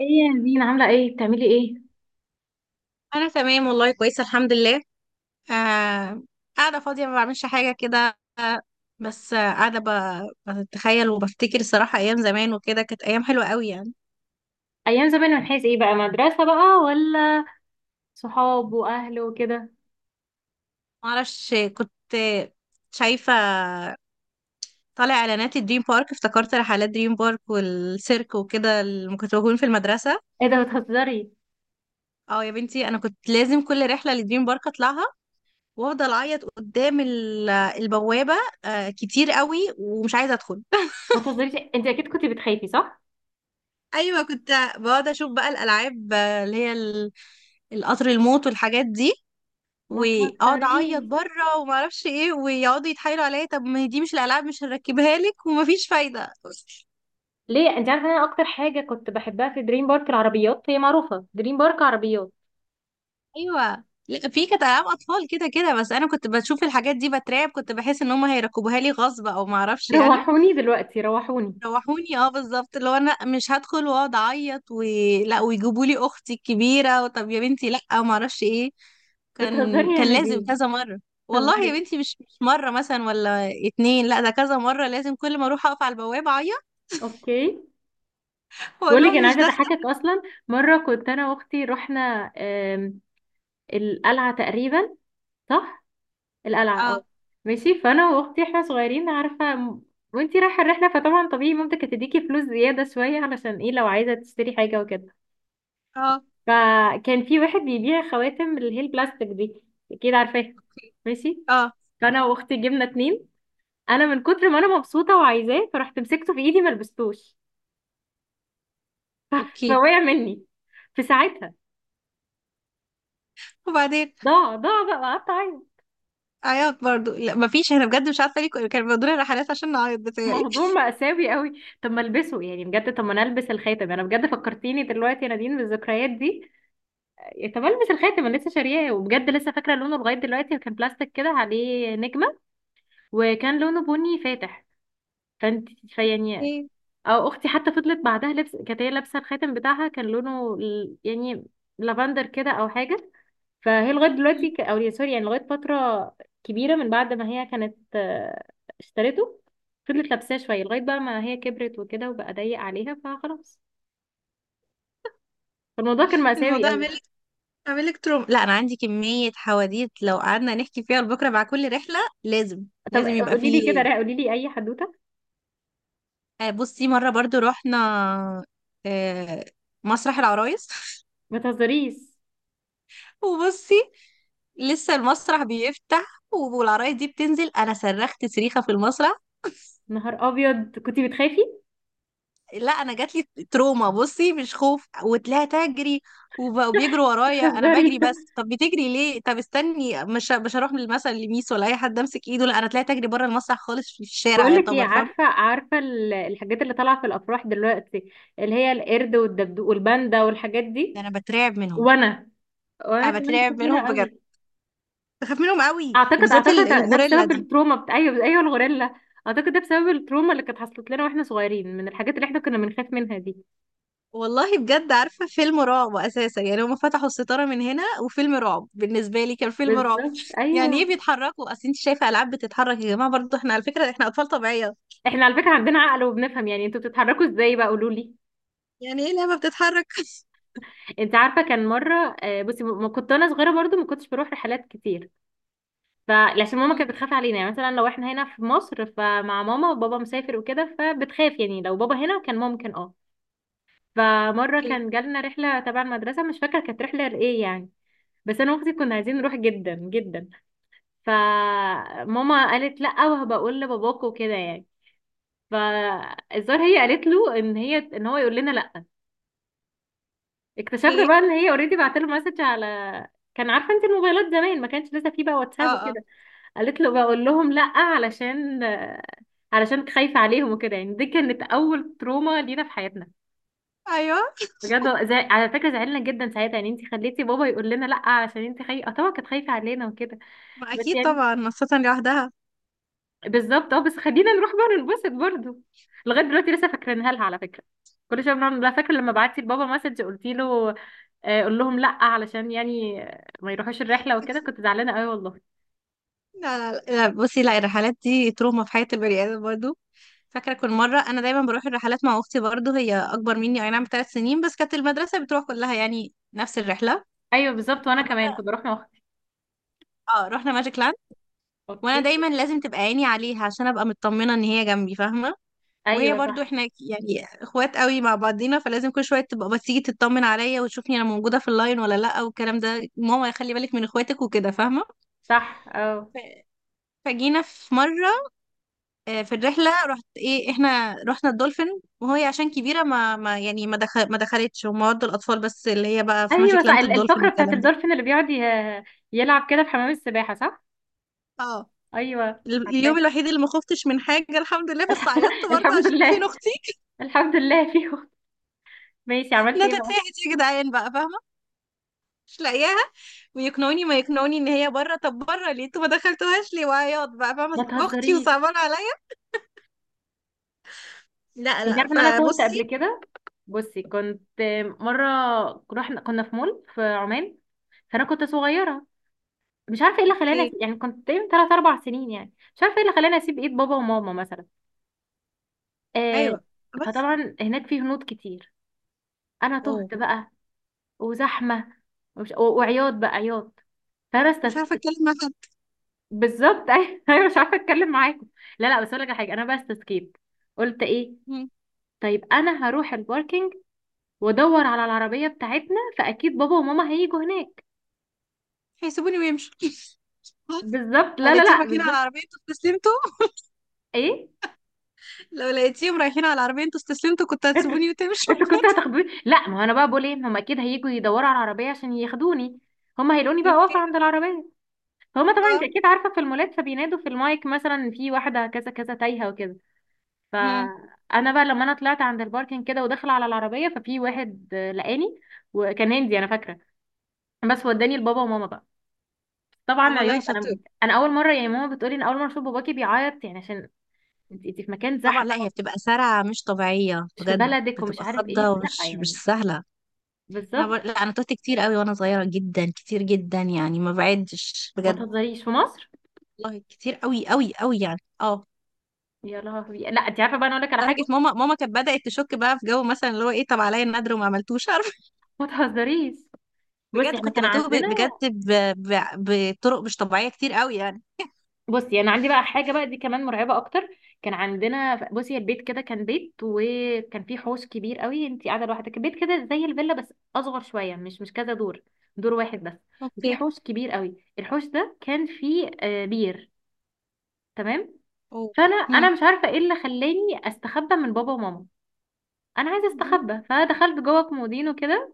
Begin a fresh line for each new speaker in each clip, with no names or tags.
ايه يا نزين، عاملة ايه؟ بتعملي ايه؟
انا تمام والله كويسه الحمد لله. آه قاعده فاضيه ما بعملش حاجه كده، بس قاعده بتخيل وبفتكر صراحه ايام زمان وكده. كانت ايام حلوه قوي يعني.
ايام زمان من حيث ايه بقى؟ مدرسة بقى ولا صحاب واهل وكده؟
ما اعرفش، كنت شايفه طالع اعلانات الدريم بارك، افتكرت رحلات دريم بارك والسيرك وكده اللي كنت بكون في المدرسه.
ايه ده، بتهزري؟
اه يا بنتي، انا كنت لازم كل رحله لدريم بارك اطلعها، وافضل اعيط قدام البوابه كتير قوي ومش عايزه ادخل.
ما تهزريش، انت اكيد كنت بتخافي، صح؟
ايوه كنت بقعد اشوف بقى الالعاب، اللي هي القطر الموت والحاجات دي،
ما
واقعد اعيط
تهزريش.
بره وما اعرفش ايه، ويقعدوا يتحايلوا عليا طب ما هي دي مش الالعاب مش هنركبها لك، ومفيش فايده.
ليه؟ انت عارفة انا اكتر حاجة كنت بحبها في دريم بارك؟ العربيات. هي معروفة دريم بارك عربيات.
ايوه لا، في كانت العاب اطفال كده كده، بس انا كنت بشوف الحاجات دي بترعب، كنت بحس ان هم هيركبوها لي غصب او ما اعرفش يعني.
روحوني دلوقتي، روحوني.
روحوني اه بالظبط، اللي هو انا مش هدخل واقعد اعيط لا، ويجيبوا لي اختي الكبيره، وطب يا بنتي لا ما اعرفش ايه.
بتهزري
كان
يا
كان لازم
نزين.
كذا مره. والله يا
بتهزري.
بنتي، مش مره مثلا ولا اتنين، لا ده كذا مره لازم كل ما اروح اقف على البوابه اعيط.
اوكي،
واقول
بقول لك
لهم
انا
مش
عايزة
داخله.
اضحكك اصلا. مرة كنت انا واختي رحنا القلعة تقريبا. صح؟ القلعة، اه.
اه،
ماشي. فانا واختي احنا صغيرين، عارفة، وانتي رايحة الرحلة فطبعا طبيعي مامتك هتديكي فلوس زيادة شوية، علشان ايه؟ لو عايزة تشتري حاجة وكده.
اه،
فكان في واحد بيبيع خواتم، اللي هي البلاستيك دي. اكيد عارفاها.
اوكي.
ماشي.
اه،
فانا واختي جبنا اتنين. انا من كتر ما انا مبسوطة وعايزاه، فرحت مسكته في ايدي، ملبستوش.
اوكي.
فوقع مني في ساعتها.
وبعدين
ضاع، ضاع بقى، قعدت اعيط.
عيط برضو. لا مفيش، انا بجد مش عارفه ليه كانوا بيودونا رحلات عشان نعيط بتهيألي.
موضوع مأساوي قوي. طب ما البسه يعني، بجد. طب ما انا البس الخاتم انا، بجد فكرتيني دلوقتي يا نادين بالذكريات دي. إيه، طب البس الخاتم انا، لسه شارياه. وبجد لسه فاكره لونه لغايه دلوقتي، كان بلاستيك كده عليه نجمه. وكان لونه بني فاتح. فانت فيعني او اختي حتى فضلت بعدها لبس، كانت هي لابسه الخاتم بتاعها، كان لونه يعني لافندر كده او حاجه. فهي لغايه دلوقتي ك- او يا سوري، يعني لغايه فتره كبيره من بعد ما هي كانت اشترته، فضلت لابساه شويه لغايه بقى ما هي كبرت وكده وبقى ضيق عليها فخلاص. الموضوع كان مأساوي
الموضوع
قوي.
مل اعمل لك تروم. لا انا عندي كمية حواديت لو قعدنا نحكي فيها لبكره، مع كل رحلة لازم
طب
لازم يبقى
قولي لي كده
فيه.
رايق، قولي لي اي حدوته.
بصي، مرة برضو رحنا آه، مسرح العرايس.
ما تهزريش.
وبصي، لسه المسرح بيفتح والعرايس دي بتنزل، انا صرخت صريخة في المسرح.
نهار ابيض، كنتي بتخافي.
لا انا جاتلي تروما، بصي مش خوف. وتلاقيها تجري وبيجروا ورايا، انا
بتهزري.
بجري. بس طب بتجري ليه؟ طب استني، مش هروح مثلا لميس ولا اي حد امسك ايده. لا انا تلاقيها تجري بره المسرح خالص في الشارع
بقول لك ايه،
يعتبر، فاهم.
عارفه الحاجات اللي طالعه في الافراح دلوقتي، اللي هي القرد والدبدوب والباندا والحاجات
ده
دي.
انا بترعب منهم.
وانا وانا
انا
كمان
بترعب
بخاف
منهم
منها
بجد،
قوي.
بخاف منهم قوي،
اعتقد
وبالذات
اعتقد ده
الغوريلا
بسبب
دي.
التروما بتاع، ايوه ايوه، الغوريلا. اعتقد ده بسبب التروما اللي كانت حصلت لنا واحنا صغيرين، من الحاجات اللي احنا كنا بنخاف منها دي.
والله بجد عارفه، فيلم رعب اساسا يعني. هما فتحوا الستاره من هنا، وفيلم رعب بالنسبه لي كان فيلم رعب.
بالظبط،
يعني
ايوه.
ايه بيتحركوا؟ اصل انت شايفه العاب بتتحرك يا جماعه؟ برضو احنا على فكره احنا اطفال طبيعيه.
احنا على فكره عندنا عقل وبنفهم، يعني انتوا بتتحركوا ازاي بقى؟ قولوا لي.
يعني ايه لعبة بتتحرك؟
انت عارفه كان مره بصي، ما كنت انا صغيره برضو ما كنتش بروح رحلات كتير. فعشان ماما
مم.
كانت بتخاف علينا، يعني مثلا لو احنا هنا في مصر فمع ماما وبابا مسافر وكده فبتخاف. يعني لو بابا هنا كان ممكن، اه. فمرة
اوكي.
كان جالنا رحلة تبع المدرسة، مش فاكرة كانت رحلة لإيه يعني. بس أنا وأختي كنا عايزين نروح جدا جدا. فماما قالت لأ وهبقول لباباكوا وكده يعني. فالظاهر هي قالت له ان هي، ان هو يقول لنا لا. اكتشفنا
ايه.
بقى ان هي اوريدي بعت له مسج على، كان عارفه انت، الموبايلات زمان ما كانش لسه فيه بقى
اه.
واتساب
اه.
وكده. قالت له بقول لهم لا علشان، علشان خايفه عليهم وكده يعني. دي كانت اول تروما لينا في حياتنا،
ايوه.
بجد. على فكره زعلنا جدا ساعتها، يعني انت خليتي بابا يقول لنا لا علشان انت خايفه. اه طبعا كانت خايفه علينا وكده،
ما
بس
اكيد
يعني
طبعا، خاصة لوحدها.
بالظبط، اه. بس خلينا نروح بقى ننبسط برضه. لغايه دلوقتي لسه فاكرينها لها على فكره، كل شويه بنعمل لها فاكره لما بعتي لبابا مسج قلتي له قول لهم لا علشان يعني ما يروحوش الرحله وكده. كنت زعلانه قوي، والله.
لا، لا، لا، بصي. لا الرحلات دي تروما في حياة البني آدم برضه. فاكرة كل مرة أنا دايما بروح الرحلات مع أختي برضه، هي أكبر مني أي نعم ب3 سنين، بس كانت المدرسة بتروح كلها يعني نفس الرحلة.
ايوه بالظبط، وانا كمان
فمرة
كنت بروح مع اختي.
اه رحنا ماجيك لاند. وأنا
اوكي.
دايما لازم تبقى عيني عليها عشان أبقى مطمنة إن هي جنبي، فاهمة. وهي
ايوه،
برضو،
صح.
احنا يعني اخوات قوي مع بعضينا، فلازم كل شويه تبقى بتيجي تطمن عليا وتشوفني انا موجوده في اللاين ولا لا، والكلام ده ماما خلي بالك من اخواتك وكده، فاهمه.
صح، اه.
ف- فجينا في مره، في الرحله رحت ايه، احنا رحنا الدولفين، وهي عشان كبيره ما دخلتش، هم ودوا الاطفال بس، اللي هي بقى في
ايوه
ماجيك
صح،
لاند الدولفين
الفقره بتاعت
والكلام ده.
الدولفين اللي بيقعد يلعب كده في حمام السباحه، صح؟
اه،
ايوه عارفاه.
اليوم الوحيد اللي ما خفتش من حاجه الحمد لله، بس عيطت برضه
الحمد
عشان فين
لله.
اختي.
الحمد لله فيهم. ماشي، عملت ايه
ندى
بقى؟
تاهت يا جدعان بقى، فاهمه، مش لاقياها. ويقنعوني ما يقنعوني ان هي بره. طب بره ليه؟ انتوا ما دخلتوهاش ليه؟ وعياط بقى،
ما
فاهمه، اختي
تهزريش.
وصعبان عليا. لا
انت
لا،
عارفه ان انا تهت قبل
فبصي.
كده؟ بصي كنت مره رحنا، كنا في مول في عمان. فانا كنت صغيره، مش عارفه ايه اللي خلاني
اوكي.
أسيب، يعني كنت تقريبا ثلاث اربع سنين، يعني مش عارفه ايه اللي خلاني اسيب ايد بابا وماما مثلا. آه.
ايوه بس.
فطبعا هناك في هنود كتير، انا
اوه
تهت بقى، وزحمه، وعياط بقى، عياط. فانا
مش
استف...
عارفه اتكلم مع حد.
بالظبط. ايوه، مش عارفه اتكلم معاكم. لا لا، بس اقول لك على حاجه. انا بقى استسكيت، قلت ايه؟
مم.
طيب انا هروح الباركينج وادور على العربيه بتاعتنا، فاكيد بابا وماما هيجوا هناك.
هيسيبوني ويمشوا.
بالظبط،
لو
لا لا
لقيتيهم
لا،
رايحين على
بالظبط.
العربيه انتوا استسلمتوا.
ايه؟
لو لقيتيهم رايحين على العربيه انتوا استسلمتوا كنت
انت
هتسيبوني وتمشوا.
انت كنت
بجد.
هتاخدوني؟ لا، ما هو انا بقى بقول ايه، ما هم اكيد هيجوا يدوروا على العربيه عشان ياخدوني، هم هيلاقوني بقى
اوكي.
واقفه عند العربيه. فهم طبعا، انت
اه.
اكيد عارفه في المولات فبينادوا في المايك، مثلا في واحده كذا كذا تايهه وكده.
مم.
فانا بقى لما انا طلعت عند الباركنج كده وداخله على العربيه، ففي واحد لقاني. وكان هندي انا فاكره، بس وداني لبابا وماما بقى.
طب
طبعا
والله
عياط.
شاطر.
انا اول مره، يعني ماما بتقولي ان اول مره اشوف باباكي بيعيط يعني، عشان انت في مكان
طبعا، لا هي
زحمه،
بتبقى سرعه مش طبيعيه
مش في
بجد،
بلدك ومش
بتبقى
عارف
خضه
ايه، فلا
ومش مش
يعني.
سهله.
بالظبط.
لا انا تهت كتير قوي وانا صغيره جدا، كتير جدا يعني، ما بعدش
ما
بجد.
تهزريش، في مصر.
والله كتير قوي قوي قوي يعني، اه.
يا لهوي. لا، انت عارفه بقى، انا اقول لك على
لدرجه
حاجه.
ماما كانت بدات تشك بقى في جو، مثلا اللي هو ايه طب عليا النادر وما عملتوش، عارف.
ما تهزريش. بصي
بجد
احنا
كنت
كان
بتوه
عندنا
بجد بطرق مش طبيعيه كتير قوي يعني.
بصي انا عندي بقى حاجه بقى، دي كمان مرعبه اكتر. كان عندنا، بصي البيت كده كان بيت وكان فيه حوش كبير قوي. انت قاعده لوحدك، البيت كده زي الفيلا بس اصغر شويه، مش كذا دور، دور واحد بس. وفيه
اوكي.
حوش كبير قوي، الحوش ده كان فيه بير. تمام؟
اوه.
فانا،
هم.
مش عارفه ايه اللي خلاني استخبى من بابا وماما. انا عايزه
دي
استخبى، فدخلت جوه كومودينو كده.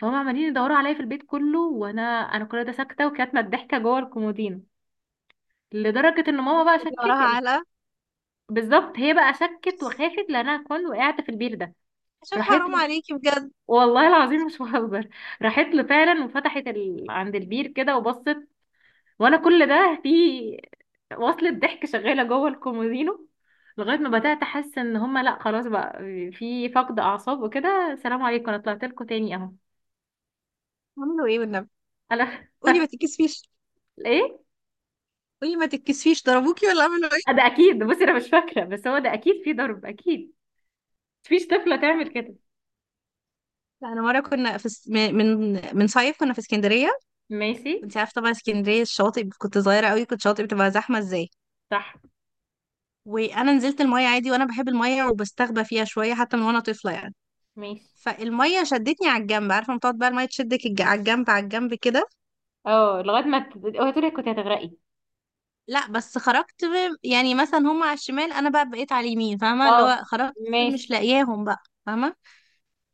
فهم عمالين يدوروا عليا في البيت كله، انا كل ده ساكته وكانت متضحكه جوه الكومودينو. لدرجه ان ماما بقى شكت.
وراها علقه،
بالظبط. هي بقى شكت وخافت لانها كون وقعت في البير ده.
عشان
راحت
حرام
له،
عليكي بجد.
والله العظيم مش بهزر، راحت له فعلا وفتحت عند البير كده وبصت. وانا كل ده في وصلة ضحك شغالة جوه الكومودينو. لغاية ما بدأت أحس إن هما لأ، خلاص بقى في فقد أعصاب وكده، سلام عليكم، أنا طلعت لكم تاني أهو.
عملوا ايه والنبي؟
أنا.
قولي ما تتكسفيش.
إيه؟
قولي ما تتكسفيش، ضربوكي ولا عملوا ايه؟
ده أكيد، بصي أنا مش فاكرة، بس هو ده أكيد في ضرب، أكيد. مفيش طفلة تعمل كده.
لا انا مره كنا في من صيف، كنا في اسكندريه.
ماشي.
انت عارفه طبعا اسكندريه الشواطئ، كنت صغيره قوي، كنت شاطئ بتبقى زحمه ازاي.
صح.
وانا نزلت الميه عادي، وانا بحب الميه وبستخبى فيها شويه حتى من وانا طفله يعني.
ماشي،
فالميه شدتني على الجنب، عارفه لما تقعد بقى الميه تشدك على الجنب، على الجنب كده.
اه. لغايه ما اوعي تقولي كنت هتغرقي.
لا بس خرجت يعني مثلا هم على الشمال انا بقى بقيت على اليمين، فاهمه، اللي
اه.
هو خرجت
ماشي.
مش لاقياهم بقى، فاهمه.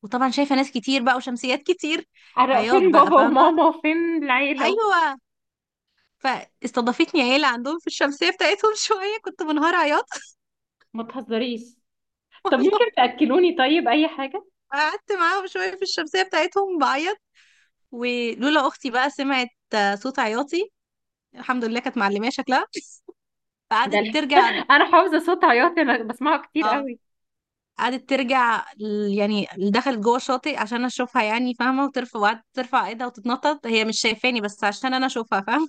وطبعا شايفه ناس كتير بقى وشمسيات كتير. عياط
فين
بقى،
بابا
فاهمه.
وماما وفين العيله؟
ايوه، فاستضافتني عيله عندهم في الشمسيه بتاعتهم. شويه كنت منهار عياط.
ما تهزريش. طب ممكن
والله.
تاكلوني، طيب اي حاجه.
قعدت معاهم شوية في الشمسية بتاعتهم بعيط، ولولا أختي بقى سمعت صوت عياطي. الحمد لله كانت معلمية شكلها،
ده
فقعدت ترجع.
انا حافظه صوت عياط، انا بسمعه كتير
اه،
قوي.
قعدت ترجع يعني دخلت جوه الشاطئ عشان اشوفها يعني، فاهمه، وترفع، وقعدت ترفع ايدها وتتنطط هي مش شايفاني بس عشان انا اشوفها، فاهمه.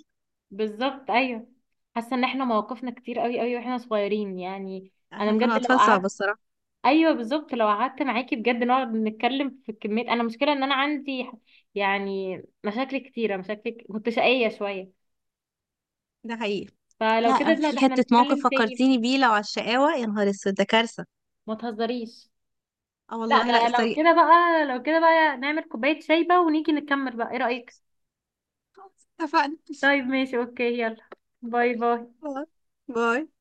بالظبط، ايوه. حاسه ان احنا مواقفنا كتير قوي قوي واحنا صغيرين يعني. انا
احنا كنا
بجد لو
اطفال صعبه
قعدت
الصراحه.
ايوه بالظبط. لو قعدت معاكي بجد نقعد نتكلم في كميه. انا مشكله ان انا عندي يعني مشاكل كتيره، مشاكل. كنت شقيه شويه.
ده حقيقي.
فلو كده،
لا
لا ده
في
احنا
حته موقف
نتكلم تاني.
فكرتيني بيه، لو على الشقاوه يا نهار اسود ده كارثه.
ما تهزريش.
اه
لا
والله لا
ده لو
استريق.
كده بقى، لو كده بقى نعمل كوباية شاي بقى ونيجي نكمل بقى، ايه رأيك؟
خلاص، اتفقنا.
طيب ماشي، اوكي، يلا. باي باي.
باي.